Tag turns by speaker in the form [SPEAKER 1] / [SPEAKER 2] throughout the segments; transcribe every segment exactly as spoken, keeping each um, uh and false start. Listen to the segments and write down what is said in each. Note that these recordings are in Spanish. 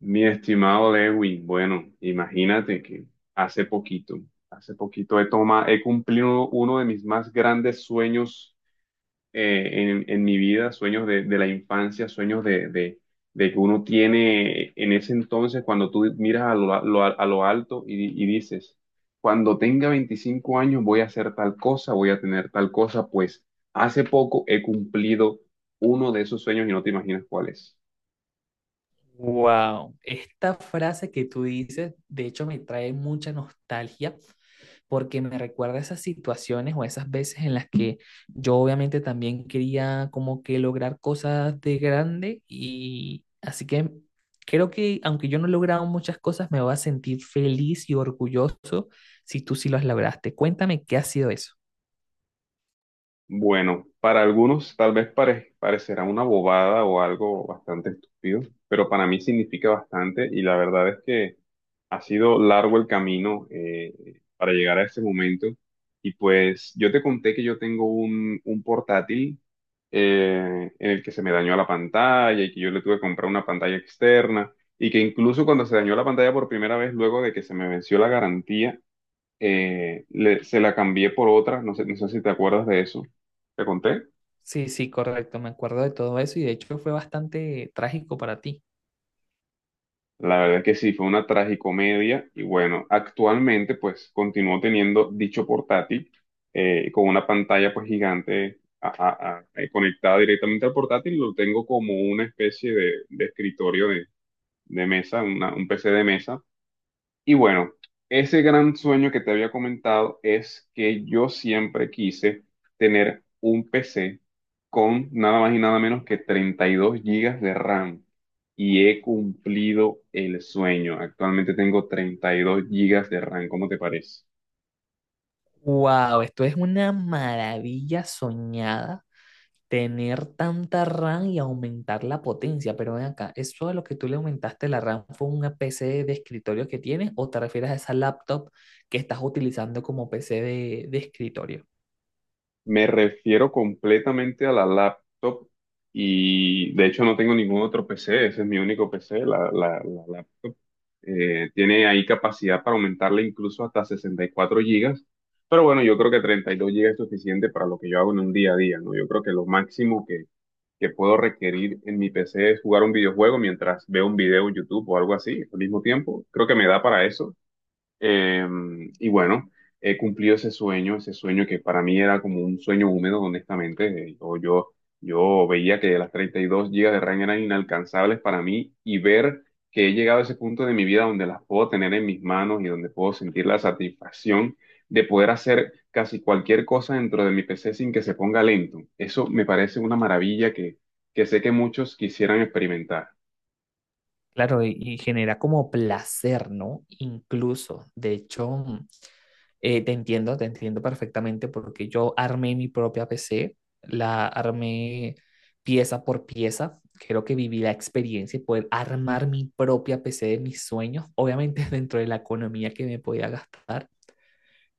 [SPEAKER 1] Mi estimado Lewin, bueno, imagínate que hace poquito, hace poquito he toma, he cumplido uno de mis más grandes sueños eh, en, en mi vida, sueños de, de la infancia, sueños de, de, de que uno tiene en ese entonces cuando tú miras a lo, a lo- a lo alto y, di- y dices, cuando tenga veinticinco años voy a hacer tal cosa, voy a tener tal cosa, pues hace poco he cumplido uno de esos sueños y no te imaginas cuál es.
[SPEAKER 2] Wow, esta frase que tú dices, de hecho, me trae mucha nostalgia porque me recuerda a esas situaciones o a esas veces en las que yo obviamente también quería como que lograr cosas de grande y así que creo que aunque yo no he logrado muchas cosas, me voy a sentir feliz y orgulloso si tú sí las lograste. Cuéntame qué ha sido eso.
[SPEAKER 1] Bueno, para algunos tal vez pare- parecerá una bobada o algo bastante estúpido, pero para mí significa bastante y la verdad es que ha sido largo el camino eh, para llegar a este momento. Y pues yo te conté que yo tengo un, un portátil eh, en el que se me dañó la pantalla y que yo le tuve que comprar una pantalla externa y que incluso cuando se dañó la pantalla por primera vez, luego de que se me venció la garantía, eh, le- se la cambié por otra, no sé, no sé si te acuerdas de eso, ¿te conté?
[SPEAKER 2] Sí, sí, correcto, me acuerdo de todo eso y de hecho fue bastante trágico para ti.
[SPEAKER 1] La verdad es que sí, fue una tragicomedia y bueno, actualmente pues continúo teniendo dicho portátil eh, con una pantalla pues gigante a- a- a- eh, conectada directamente al portátil, lo tengo como una especie de, de escritorio de, de mesa, una- un P C de mesa. Y bueno, ese gran sueño que te había comentado es que yo siempre quise tener un P C con nada más y nada menos que treinta y dos gigas de RAM. Y he cumplido el sueño. Actualmente tengo treinta y dos gigas de RAM, ¿cómo te parece?
[SPEAKER 2] Wow, esto es una maravilla soñada, tener tanta RAM y aumentar la potencia, pero ven acá, ¿eso de lo que tú le aumentaste la RAM fue una P C de escritorio que tienes o te refieres a esa laptop que estás utilizando como P C de, de escritorio?
[SPEAKER 1] Me refiero completamente a la laptop y de hecho no tengo ningún otro P C, ese es mi único P C, la, la, la laptop. Eh, tiene ahí capacidad para aumentarle incluso hasta sesenta y cuatro gigas. Pero bueno, yo creo que treinta y dos gigas es suficiente para lo que yo hago en un día a día, ¿no? Yo creo que lo máximo que, que puedo requerir en mi P C es jugar un videojuego mientras veo un video en YouTube o algo así al mismo tiempo. Creo que me da para eso. Eh, y bueno, he cumplido ese sueño, ese sueño que para mí era como un sueño húmedo, honestamente. Eh, Yo, yo, yo veía que las treinta y dos gigas de RAM eran inalcanzables para mí y ver que he llegado a ese punto de mi vida donde las puedo tener en mis manos y donde puedo sentir la satisfacción de poder hacer casi cualquier cosa dentro de mi P C sin que se ponga lento. Eso me parece una maravilla que, que sé que muchos quisieran experimentar.
[SPEAKER 2] Claro, y, y genera como placer, ¿no? Incluso, de hecho, mm, eh, te entiendo, te entiendo perfectamente porque yo armé mi propia P C, la armé pieza por pieza, creo que viví la experiencia y poder armar mi propia P C de mis sueños, obviamente dentro de la economía que me podía gastar.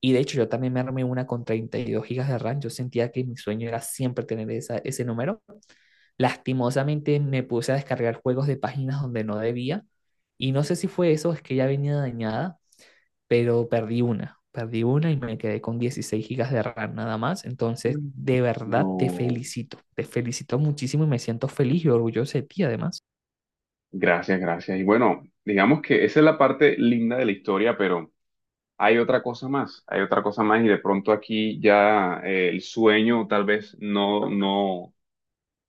[SPEAKER 2] Y de hecho, yo también me armé una con treinta y dos gigas de RAM, yo sentía que mi sueño era siempre tener esa, ese número. Lastimosamente me puse a descargar juegos de páginas donde no debía y no sé si fue eso, es que ya venía dañada, pero perdí una, perdí una y me quedé con dieciséis gigas de RAM nada más. Entonces,
[SPEAKER 1] Mm.
[SPEAKER 2] de verdad te
[SPEAKER 1] No.
[SPEAKER 2] felicito, te felicito muchísimo y me siento feliz y orgulloso de ti además.
[SPEAKER 1] Gracias, gracias. Y bueno, digamos que esa es la parte linda de la historia, pero hay otra cosa más, hay otra cosa más y de pronto aquí ya eh, el sueño tal vez no, no,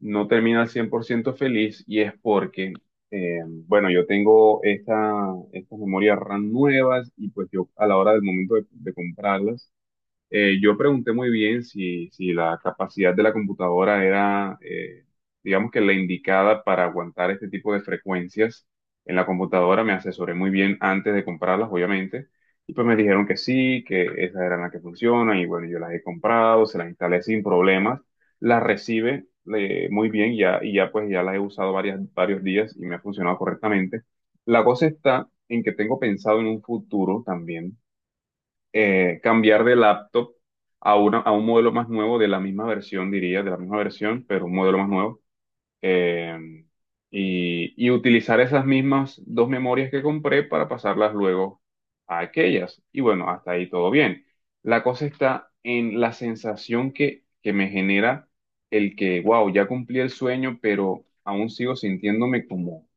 [SPEAKER 1] no termina al cien por ciento feliz y es porque, eh, bueno, yo tengo esta, estas memorias RAM nuevas y pues yo a la hora del momento de, de comprarlas, eh, yo pregunté muy bien si, si la capacidad de la computadora era, eh, digamos que la indicada para aguantar este tipo de frecuencias en la computadora. Me asesoré muy bien antes de comprarlas, obviamente. Y pues me dijeron que sí, que esas eran las que funcionan. Y bueno, yo las he comprado, se las instalé sin problemas. Las recibe eh, muy bien ya, y ya pues ya las he usado varias, varios días y me ha funcionado correctamente. La cosa está en que tengo pensado en un futuro también eh, cambiar de laptop a, una, a un modelo más nuevo de la misma versión, diría, de la misma versión, pero un modelo más nuevo. Eh, y, y utilizar esas mismas dos memorias que compré para pasarlas luego a aquellas. Y bueno, hasta ahí todo bien. La cosa está en la sensación que, que me genera el que, wow, ya cumplí el sueño, pero aún sigo sintiéndome como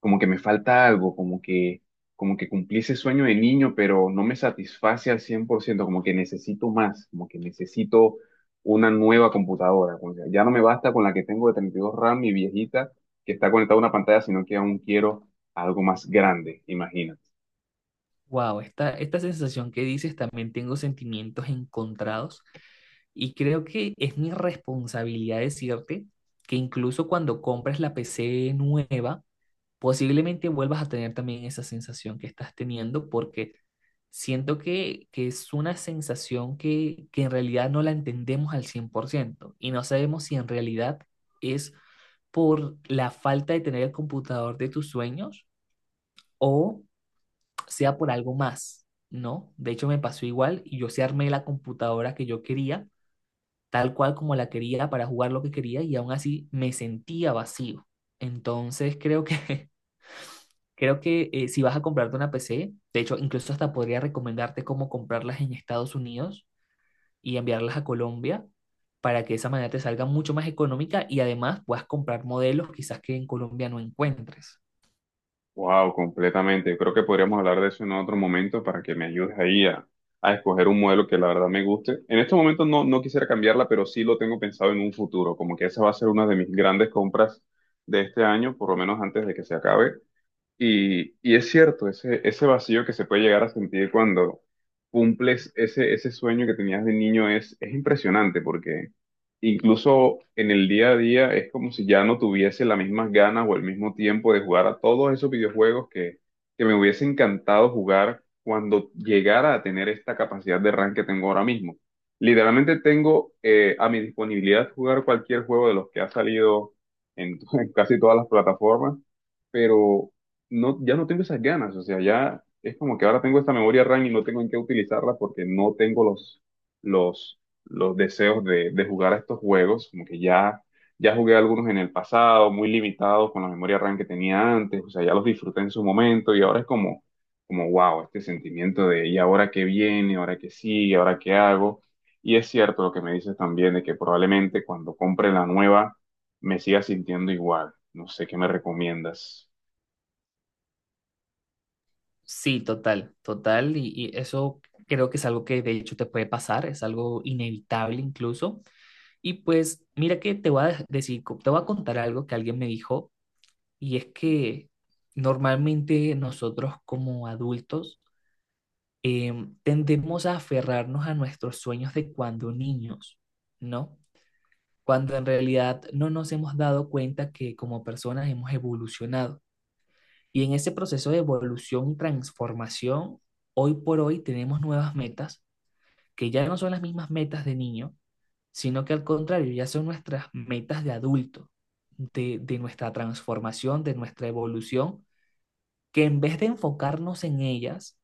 [SPEAKER 1] como que me falta algo, como que, como que cumplí ese sueño de niño, pero no me satisface al cien por ciento, como que necesito más, como que necesito una nueva computadora, como que ya no me basta con la que tengo de treinta y dos RAM y viejita, que está conectada a una pantalla, sino que aún quiero algo más grande, imagina.
[SPEAKER 2] Wow, esta, esta sensación que dices también tengo sentimientos encontrados y creo que es mi responsabilidad decirte que incluso cuando compres la P C nueva, posiblemente vuelvas a tener también esa sensación que estás teniendo porque siento que, que es una sensación que, que en realidad no la entendemos al cien por ciento y no sabemos si en realidad es por la falta de tener el computador de tus sueños o sea por algo más, ¿no? De hecho me pasó igual y yo sí armé la computadora que yo quería, tal cual como la quería para jugar lo que quería y aún así me sentía vacío. Entonces creo que Creo que eh, si vas a comprarte una P C, de hecho, incluso hasta podría recomendarte cómo comprarlas en Estados Unidos y enviarlas a Colombia para que de esa manera te salga mucho más económica y además puedas comprar modelos quizás que en Colombia no encuentres.
[SPEAKER 1] Wow, completamente. Yo creo que podríamos hablar de eso en otro momento para que me ayudes ahí a, a escoger un modelo que la verdad me guste. En estos momentos no, no quisiera cambiarla, pero sí lo tengo pensado en un futuro, como que esa va a ser una de mis grandes compras de este año, por lo menos antes de que se acabe. Y, y es cierto, ese, ese vacío que se puede llegar a sentir cuando cumples ese, ese sueño que tenías de niño es, es impresionante porque incluso en el día a día es como si ya no tuviese las mismas ganas o el mismo tiempo de jugar a todos esos videojuegos que, que me hubiese encantado jugar cuando llegara a tener esta capacidad de RAM que tengo ahora mismo. Literalmente tengo eh, a mi disponibilidad jugar cualquier juego de los que ha salido en en casi todas las plataformas, pero no, ya no tengo esas ganas, o sea, ya es como que ahora tengo esta memoria RAM y no tengo en qué utilizarla porque no tengo los, los, los deseos de, de jugar a estos juegos, como que ya, ya jugué algunos en el pasado, muy limitados con la memoria RAM que tenía antes, o sea, ya los disfruté en su momento y ahora es como, como wow, este sentimiento de ¿y ahora qué viene? ¿Ahora qué sigue? ¿Ahora qué hago? Y es cierto lo que me dices también de que probablemente cuando compre la nueva me siga sintiendo igual. No sé qué me recomiendas.
[SPEAKER 2] Sí, total, total. Y, y eso creo que es algo que de hecho te puede pasar, es algo inevitable incluso. Y pues mira que te voy a dej- decir, co- te voy a contar algo que alguien me dijo y es que normalmente nosotros como adultos em, tendemos a aferrarnos a nuestros sueños de cuando niños, ¿no? Cuando en realidad no nos hemos dado cuenta que como personas hemos evolucionado. Y en ese proceso de evolución y transformación, hoy por hoy tenemos nuevas metas que ya no son las mismas metas de niño, sino que al contrario, ya son nuestras metas de adulto, de, de nuestra transformación, de nuestra evolución que en vez de enfocarnos en ellas,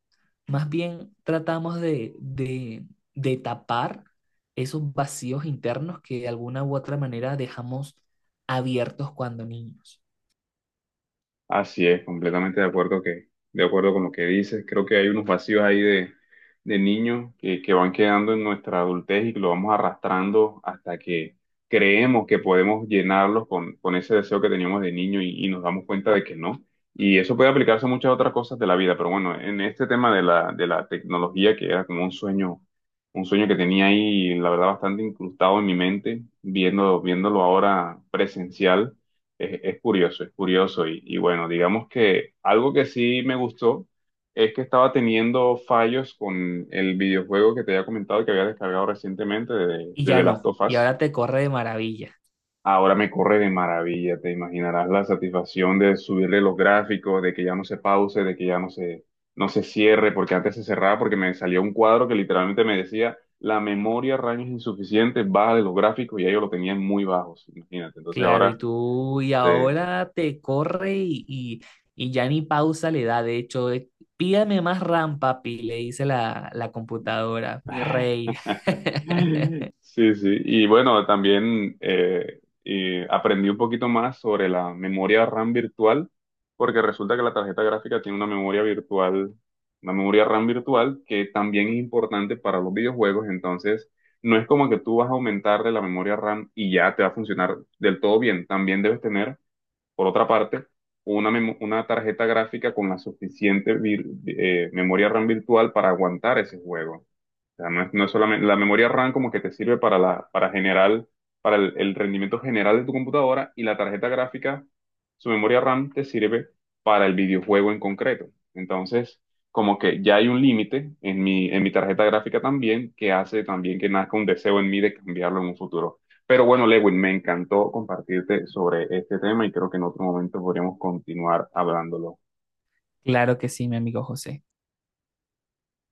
[SPEAKER 2] más bien tratamos de, de, de tapar esos vacíos internos que de alguna u otra manera dejamos abiertos cuando niños.
[SPEAKER 1] Así es, completamente de acuerdo que, de acuerdo con lo que dices. Creo que hay unos vacíos ahí de, de niños que, que van quedando en nuestra adultez y que lo vamos arrastrando hasta que creemos que podemos llenarlos con, con ese deseo que teníamos de niño y, y nos damos cuenta de que no. Y eso puede aplicarse a muchas otras cosas de la vida, pero bueno, en este tema de la, de la tecnología, que era como un sueño, un sueño que tenía ahí, la verdad, bastante incrustado en mi mente, viendo, viéndolo ahora presencial es, es curioso, es curioso. Y, y bueno, digamos que algo que sí me gustó es que estaba teniendo fallos con el videojuego que te había comentado que había descargado recientemente de,
[SPEAKER 2] Y
[SPEAKER 1] de
[SPEAKER 2] ya
[SPEAKER 1] The Last
[SPEAKER 2] no,
[SPEAKER 1] of
[SPEAKER 2] y
[SPEAKER 1] Us.
[SPEAKER 2] ahora te corre de maravilla.
[SPEAKER 1] Ahora me corre de maravilla, te imaginarás la satisfacción de subirle los gráficos, de que ya no se pause, de que ya no se, no se cierre, porque antes se cerraba porque me salía un cuadro que literalmente me decía, la memoria RAM es insuficiente, baja de los gráficos y ya yo lo tenía en muy bajos, imagínate. Entonces
[SPEAKER 2] Claro, y
[SPEAKER 1] ahora
[SPEAKER 2] tú, y
[SPEAKER 1] se...
[SPEAKER 2] ahora te corre y, y, y ya ni pausa le da. De hecho, eh, pídame más RAM, papi, le dice la, la computadora, mi rey.
[SPEAKER 1] Sí, sí. Y bueno, también eh, y aprendí un poquito más sobre la memoria RAM virtual, porque resulta que la tarjeta gráfica tiene una memoria virtual, una memoria RAM virtual que también es importante para los videojuegos. Entonces, no es como que tú vas a aumentarle la memoria RAM y ya te va a funcionar del todo bien. También debes tener, por otra parte, una, memo- una tarjeta gráfica con la suficiente vir- eh, memoria RAM virtual para aguantar ese juego, sea, no es, no es solamente la memoria RAM como que te sirve para la, para general, para el, el rendimiento general de tu computadora y la tarjeta gráfica, su memoria RAM te sirve para el videojuego en concreto. Entonces, como que ya hay un límite en mi, en mi tarjeta gráfica también que hace también que nazca un deseo en mí de cambiarlo en un futuro. Pero bueno, Lewin, me encantó compartirte sobre este tema y creo que en otro momento podríamos continuar hablándolo.
[SPEAKER 2] Claro que sí, mi amigo José.